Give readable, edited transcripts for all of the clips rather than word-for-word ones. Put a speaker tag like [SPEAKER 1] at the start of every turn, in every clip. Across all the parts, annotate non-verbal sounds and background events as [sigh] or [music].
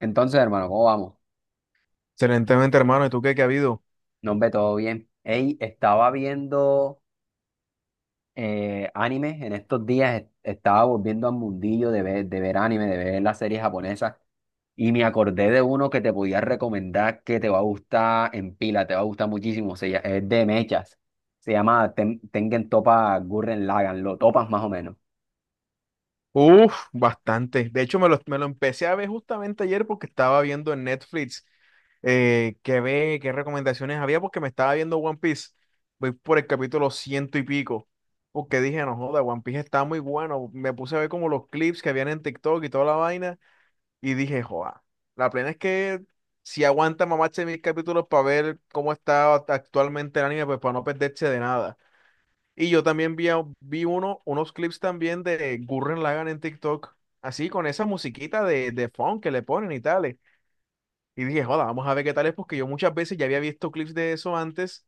[SPEAKER 1] Entonces, hermano, ¿cómo vamos?
[SPEAKER 2] Excelentemente, hermano. ¿Y tú qué ha habido?
[SPEAKER 1] Nos ve todo bien. Ey, estaba viendo anime en estos días, estaba volviendo al mundillo de ver anime, de ver las series japonesas, y me acordé de uno que te podía recomendar que te va a gustar en pila, te va a gustar muchísimo, es de mechas, se llama Tengen Toppa Gurren Lagann, lo topas más o menos.
[SPEAKER 2] Uf, bastante. De hecho, me lo empecé a ver justamente ayer porque estaba viendo en Netflix qué recomendaciones había, porque me estaba viendo One Piece. Voy por el capítulo ciento y pico. Porque dije, no joda, One Piece está muy bueno. Me puse a ver como los clips que habían en TikTok y toda la vaina. Y dije, joda, la plena es que si aguanta mamarse mil capítulos para ver cómo está actualmente el anime, pues para no perderse de nada. Y yo también vi unos clips también de Gurren Lagann en TikTok, así con esa musiquita de funk que le ponen y tales. Y dije, joda, vamos a ver qué tal es, porque yo muchas veces ya había visto clips de eso antes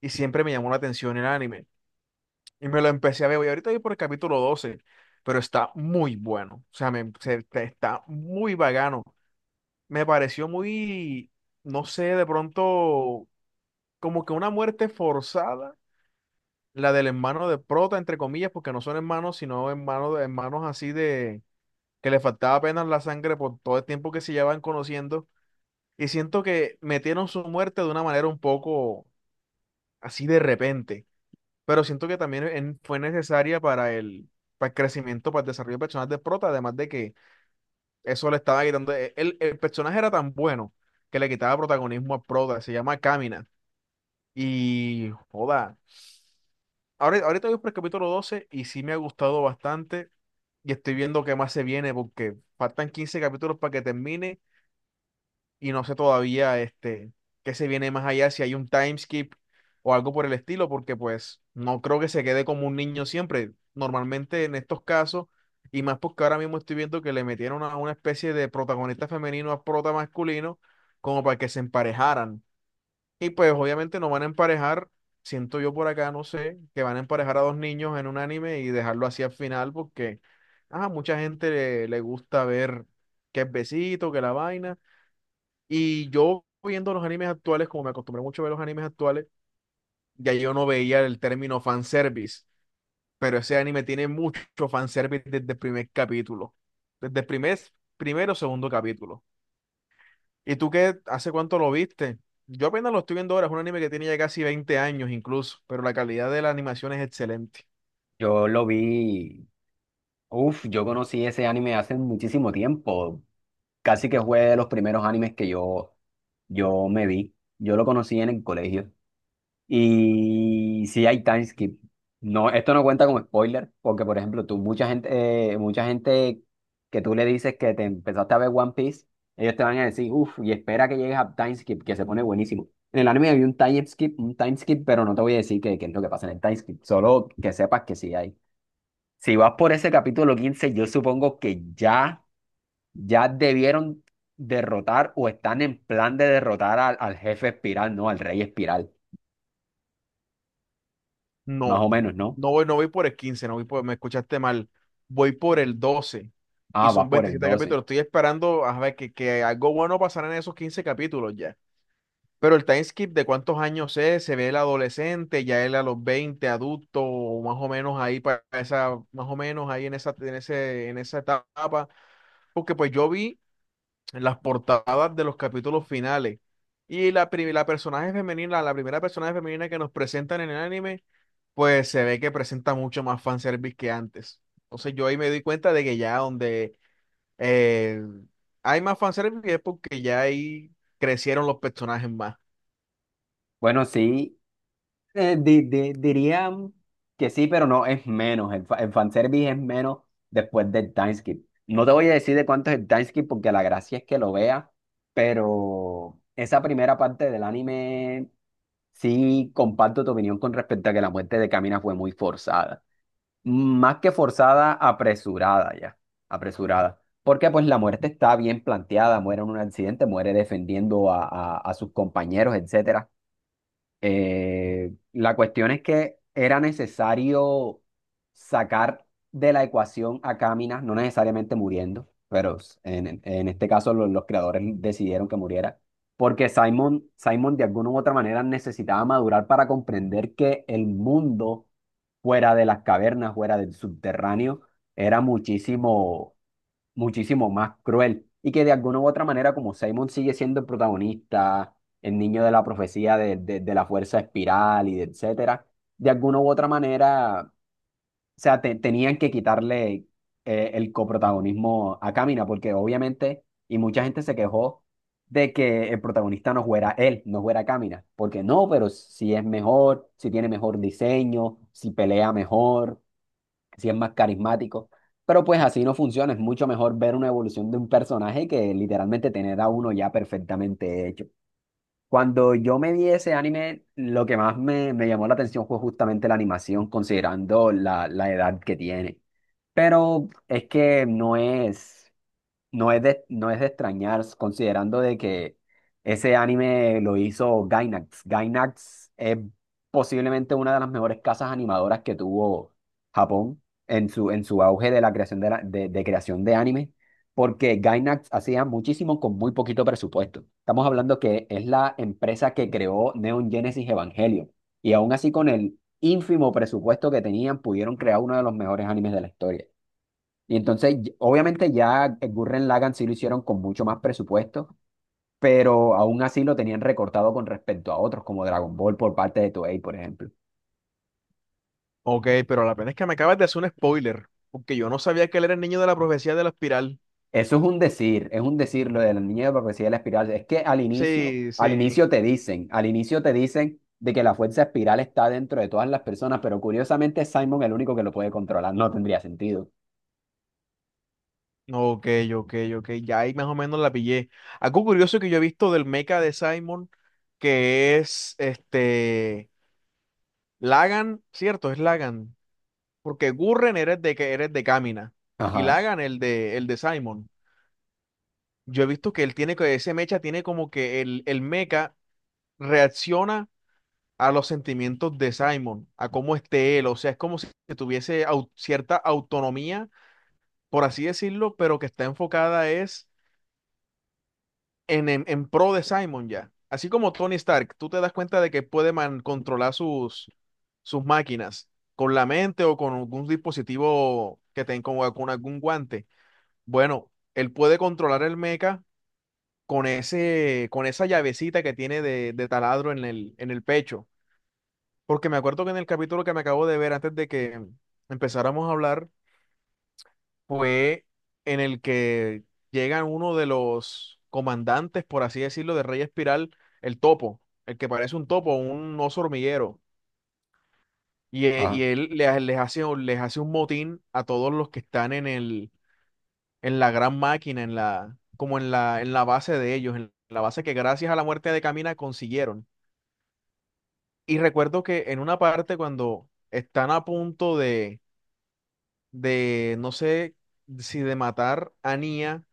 [SPEAKER 2] y siempre me llamó la atención el anime. Y me lo empecé a ver, y ahorita voy por el capítulo 12, pero está muy bueno. O sea, está muy vagano. Me pareció muy, no sé, de pronto como que una muerte forzada. La del hermano de prota, entre comillas, porque no son hermanos, sino hermanos, hermanos así de que le faltaba apenas la sangre por todo el tiempo que se llevan conociendo. Y siento que metieron su muerte de una manera un poco así, de repente. Pero siento que también fue necesaria para para el crecimiento, para el desarrollo personal de prota, además de que eso le estaba quitando. El personaje era tan bueno que le quitaba protagonismo a prota, se llama Camina. Y joda. Ahora, ahorita voy por el capítulo 12 y sí me ha gustado bastante. Y estoy viendo qué más se viene porque faltan 15 capítulos para que termine y no sé todavía qué se viene más allá, si hay un time skip o algo por el estilo, porque pues no creo que se quede como un niño siempre. Normalmente en estos casos, y más porque ahora mismo estoy viendo que le metieron a una especie de protagonista femenino a prota masculino como para que se emparejaran. Y pues obviamente no van a emparejar, siento yo por acá, no sé, que van a emparejar a dos niños en un anime y dejarlo así al final porque a mucha gente le gusta ver que es besito, que la vaina. Y yo viendo los animes actuales, como me acostumbré mucho a ver los animes actuales, ya yo no veía el término fanservice, pero ese anime tiene mucho fanservice desde el primer capítulo, desde primero o segundo capítulo. ¿Y tú qué? ¿Hace cuánto lo viste? Yo apenas lo estoy viendo ahora, es un anime que tiene ya casi 20 años incluso, pero la calidad de la animación es excelente.
[SPEAKER 1] Yo lo vi, uff, yo conocí ese anime hace muchísimo tiempo, casi que fue de los primeros animes que yo me vi. Yo lo conocí en el colegio. Y sí hay time skip. No, esto no cuenta como spoiler, porque por ejemplo, tú, mucha gente que tú le dices que te empezaste a ver One Piece, ellos te van a decir, uff, y espera que llegues a time skip, que se pone buenísimo. En el anime había un time skip, pero no te voy a decir qué es lo que pasa en el time skip, solo que sepas que sí hay. Si vas por ese capítulo 15 yo supongo que ya debieron derrotar o están en plan de derrotar al jefe espiral, ¿no? Al rey espiral, más o
[SPEAKER 2] No,
[SPEAKER 1] menos, ¿no?
[SPEAKER 2] no voy por el 15, no voy por, me escuchaste mal, voy por el 12 y
[SPEAKER 1] Ah, va
[SPEAKER 2] son
[SPEAKER 1] por el
[SPEAKER 2] 27
[SPEAKER 1] 12.
[SPEAKER 2] capítulos. Estoy esperando a ver que algo bueno pasará en esos 15 capítulos ya. Pero el time skip de cuántos años es, se ve el adolescente, ya él a los 20 adulto, o más o menos ahí para esa, más o menos ahí en esa, en esa etapa. Porque pues yo vi las portadas de los capítulos finales. Y la personaje femenina, la primera personaje femenina que nos presentan en el anime, pues se ve que presenta mucho más fanservice que antes. Entonces yo ahí me di cuenta de que ya donde eh, hay más fanservice es porque ya ahí crecieron los personajes más.
[SPEAKER 1] Bueno, sí, dirían que sí, pero no, es menos. El fanservice es menos después del timeskip. No te voy a decir de cuánto es el timeskip porque la gracia es que lo veas, pero esa primera parte del anime, sí comparto tu opinión con respecto a que la muerte de Camina fue muy forzada. Más que forzada, apresurada ya, apresurada. Porque pues la muerte está bien planteada, muere en un accidente, muere defendiendo a sus compañeros, etcétera. La cuestión es que era necesario sacar de la ecuación a Cáminas, no necesariamente muriendo, pero en este caso los creadores decidieron que muriera, porque Simon, Simon de alguna u otra manera necesitaba madurar para comprender que el mundo fuera de las cavernas, fuera del subterráneo, era muchísimo muchísimo más cruel y que de alguna u otra manera, como Simon sigue siendo el protagonista, el niño de la profecía de la fuerza espiral y de etcétera, de alguna u otra manera, o sea, tenían que quitarle el coprotagonismo a Camina, porque obviamente, y mucha gente se quejó de que el protagonista no fuera él, no fuera Camina, porque no, pero si es mejor, si tiene mejor diseño, si pelea mejor, si es más carismático. Pero pues así no funciona, es mucho mejor ver una evolución de un personaje que literalmente tener a uno ya perfectamente hecho. Cuando yo me vi ese anime, lo que más me llamó la atención fue justamente la animación, considerando la edad que tiene. Pero es que no es de, no es de extrañar, considerando de que ese anime lo hizo Gainax. Gainax es posiblemente una de las mejores casas animadoras que tuvo Japón en su auge de la creación de creación de anime, porque Gainax hacía muchísimo con muy poquito presupuesto. Estamos hablando que es la empresa que creó Neon Genesis Evangelion, y aún así con el ínfimo presupuesto que tenían, pudieron crear uno de los mejores animes de la historia. Y entonces, obviamente ya el Gurren Lagann sí lo hicieron con mucho más presupuesto, pero aún así lo tenían recortado con respecto a otros, como Dragon Ball por parte de Toei, por ejemplo.
[SPEAKER 2] Ok, pero la pena es que me acabas de hacer un spoiler, porque yo no sabía que él era el niño de la profecía de la espiral.
[SPEAKER 1] Eso es un decir lo de la niña de la profecía de la espiral. Es que
[SPEAKER 2] Sí,
[SPEAKER 1] al
[SPEAKER 2] sí.
[SPEAKER 1] inicio te dicen, al inicio te dicen de que la fuerza espiral está dentro de todas las personas, pero curiosamente es Simon el único que lo puede controlar. No tendría sentido.
[SPEAKER 2] Ok, ok, ok. Ya ahí más o menos la pillé. Algo curioso que yo he visto del mecha de Simon, que es este Lagan, cierto, es Lagan. Porque Gurren eres de que eres de Kamina. Y
[SPEAKER 1] Ajá,
[SPEAKER 2] Lagan, el de Simon. Yo he visto que él tiene que ese mecha tiene como que el mecha reacciona a los sentimientos de Simon, a cómo esté él. O sea, es como si tuviese cierta autonomía, por así decirlo, pero que está enfocada, es en, en pro de Simon ya. Así como Tony Stark, tú te das cuenta de que puede controlar sus máquinas con la mente o con algún dispositivo que tenga con algún guante. Bueno, él puede controlar el mecha con ese, con esa llavecita que tiene de taladro en el pecho. Porque me acuerdo que en el capítulo que me acabo de ver antes de que empezáramos a hablar, fue en el que llega uno de los comandantes, por así decirlo, de Rey Espiral, el topo, el que parece un topo, un oso hormiguero. Y
[SPEAKER 1] ajá.
[SPEAKER 2] él les hace un motín a todos los que están en el, en la gran máquina, en la base de ellos, en la base que gracias a la muerte de Camina consiguieron. Y recuerdo que en una parte cuando están a punto de, no sé si de matar a Nia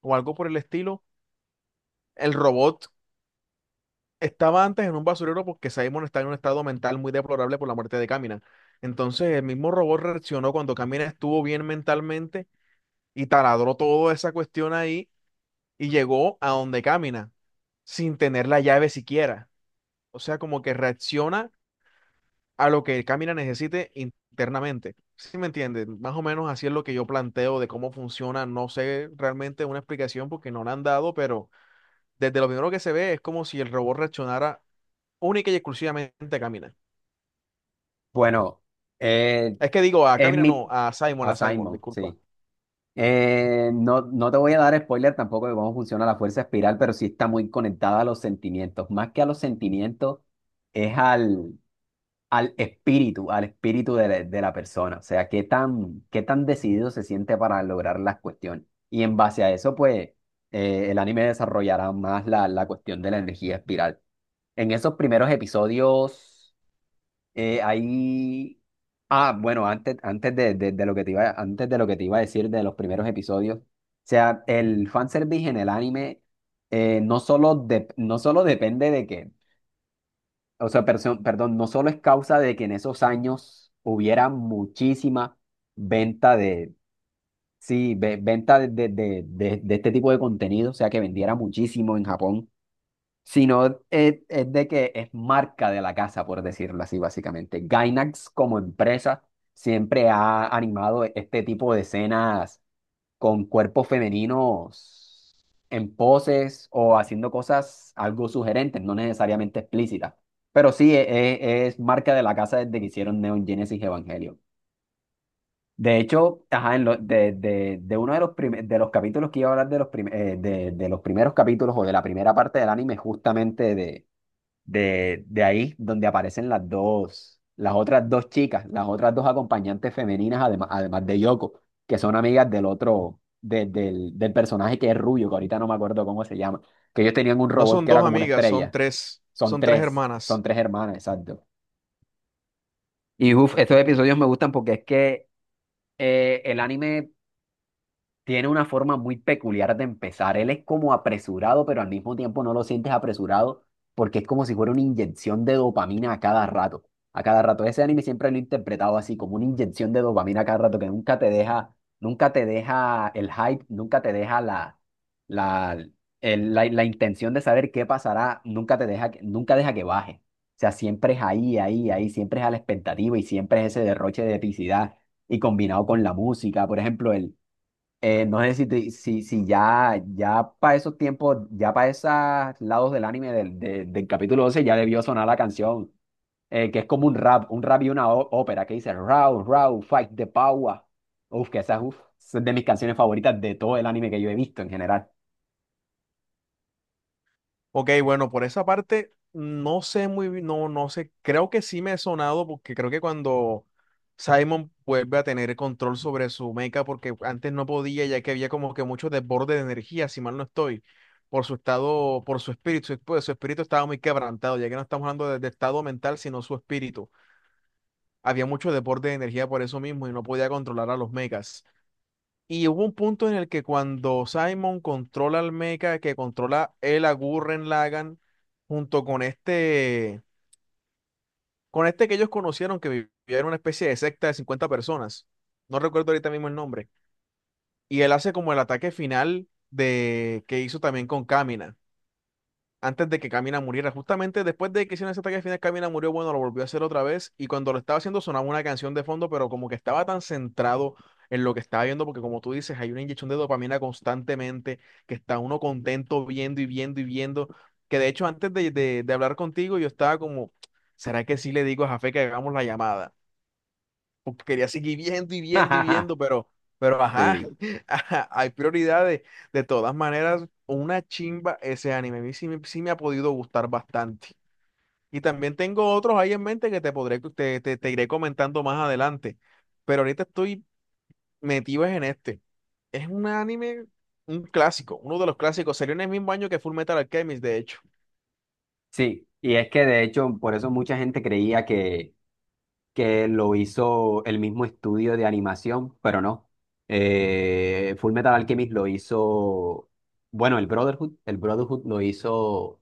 [SPEAKER 2] o algo por el estilo, el robot estaba antes en un basurero porque Simon está en un estado mental muy deplorable por la muerte de Kamina. Entonces el mismo robot reaccionó cuando Kamina estuvo bien mentalmente y taladró toda esa cuestión ahí y llegó a donde Kamina sin tener la llave siquiera. O sea, como que reacciona a lo que Kamina necesite internamente. ¿Sí me entiendes? Más o menos así es lo que yo planteo de cómo funciona. No sé realmente una explicación porque no la han dado, pero desde lo primero que se ve es como si el robot reaccionara única y exclusivamente a Camina.
[SPEAKER 1] Bueno, eh,
[SPEAKER 2] Es que digo, a
[SPEAKER 1] es
[SPEAKER 2] Camina
[SPEAKER 1] mi...
[SPEAKER 2] no,
[SPEAKER 1] A
[SPEAKER 2] a Simon,
[SPEAKER 1] Simon,
[SPEAKER 2] disculpa.
[SPEAKER 1] sí. No, no te voy a dar spoiler tampoco de cómo funciona la fuerza espiral, pero sí está muy conectada a los sentimientos. Más que a los sentimientos, es al espíritu de de la persona. O sea, qué tan decidido se siente para lograr las cuestiones. Y en base a eso, pues, el anime desarrollará más la cuestión de la energía espiral. En esos primeros episodios. Eh, ahí, bueno, antes, de lo que te iba, antes de lo que te iba a decir de los primeros episodios, o sea, el fanservice en el anime no solo, no solo depende de que, o sea, perdón, no solo es causa de que en esos años hubiera muchísima venta de, sí, venta de este tipo de contenido, o sea, que vendiera muchísimo en Japón, sino es de que es marca de la casa, por decirlo así, básicamente. Gainax como empresa siempre ha animado este tipo de escenas con cuerpos femeninos en poses o haciendo cosas algo sugerentes, no necesariamente explícitas. Pero sí, es, marca de la casa desde que hicieron Neon Genesis Evangelion. De hecho, ajá, en de uno de los de los capítulos que iba a hablar de de los primeros capítulos o de la primera parte del anime, justamente de ahí donde aparecen las dos, las otras dos chicas, las otras dos acompañantes femeninas, además, además de Yoko, que son amigas del otro, del personaje que es rubio, que ahorita no me acuerdo cómo se llama, que ellos tenían un
[SPEAKER 2] No
[SPEAKER 1] robot
[SPEAKER 2] son
[SPEAKER 1] que era
[SPEAKER 2] dos
[SPEAKER 1] como una
[SPEAKER 2] amigas,
[SPEAKER 1] estrella.
[SPEAKER 2] son tres
[SPEAKER 1] Son
[SPEAKER 2] hermanas.
[SPEAKER 1] tres hermanas, exacto. Y uff, estos episodios me gustan porque es que el anime tiene una forma muy peculiar de empezar. Él es como apresurado, pero al mismo tiempo no lo sientes apresurado porque es como si fuera una inyección de dopamina a cada rato. A cada rato. Ese anime siempre lo he interpretado así, como una inyección de dopamina a cada rato que nunca te deja, nunca te deja el hype, nunca te deja la, la intención de saber qué pasará, nunca te deja, nunca deja que baje. O sea, siempre es ahí, ahí, ahí, siempre es a la expectativa y siempre es ese derroche de epicidad y combinado con la música. Por ejemplo, no sé si, si ya, ya para esos tiempos, ya para esos lados del anime del capítulo 12 ya debió sonar la canción, que es como un rap y una ópera que dice Raw, Raw, Fight the Power. Uf, que esa es, uf, es de mis canciones favoritas de todo el anime que yo he visto en general.
[SPEAKER 2] Ok, bueno, por esa parte no sé muy bien, no, no sé, creo que sí me he sonado porque creo que cuando Simon vuelve a tener control sobre su meca, porque antes no podía, ya que había como que mucho desborde de energía, si mal no estoy, por su estado, por su espíritu, pues, su espíritu estaba muy quebrantado, ya que no estamos hablando de estado mental, sino su espíritu. Había mucho deporte de energía por eso mismo y no podía controlar a los mechas. Y hubo un punto en el que cuando Simon controla al mecha, que controla él a Gurren Lagann, junto con este que ellos conocieron, que vivía en una especie de secta de 50 personas. No recuerdo ahorita mismo el nombre. Y él hace como el ataque final de que hizo también con Kamina, antes de que Camina muriera. Justamente después de que hicieron ese ataque final, Camina murió, bueno, lo volvió a hacer otra vez y cuando lo estaba haciendo sonaba una canción de fondo, pero como que estaba tan centrado en lo que estaba viendo, porque como tú dices, hay una inyección de dopamina constantemente, que está uno contento viendo y viendo y viendo, que de hecho antes de hablar contigo yo estaba como, ¿será que sí le digo a Jafé que hagamos la llamada? Porque quería seguir viendo y viendo y
[SPEAKER 1] [laughs]
[SPEAKER 2] viendo, pero, ajá,
[SPEAKER 1] Sí,
[SPEAKER 2] [laughs] ajá, hay prioridades. De todas maneras, una chimba ese anime. A mí sí, me ha podido gustar bastante. Y también tengo otros ahí en mente que te podré, te iré comentando más adelante. Pero ahorita estoy metido en este. Es un anime, un clásico, uno de los clásicos. Salió en el mismo año que Full Metal Alchemist, de hecho.
[SPEAKER 1] sí. Y es que de hecho, por eso mucha gente creía que lo hizo el mismo estudio de animación, pero no. Full Metal Alchemist lo hizo, bueno, el Brotherhood lo hizo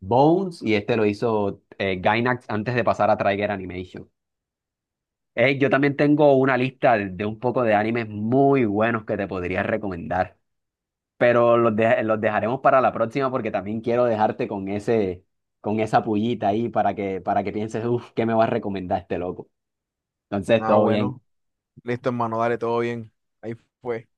[SPEAKER 1] Bones y este lo hizo Gainax antes de pasar a Trigger Animation. Yo también tengo una lista de un poco de animes muy buenos que te podría recomendar, pero los dejaremos para la próxima porque también quiero dejarte con ese, con esa pullita ahí para que pienses, uff, ¿qué me va a recomendar este loco? Entonces,
[SPEAKER 2] Ah,
[SPEAKER 1] todo bien.
[SPEAKER 2] bueno. Listo, hermano, dale, todo bien. Ahí fue.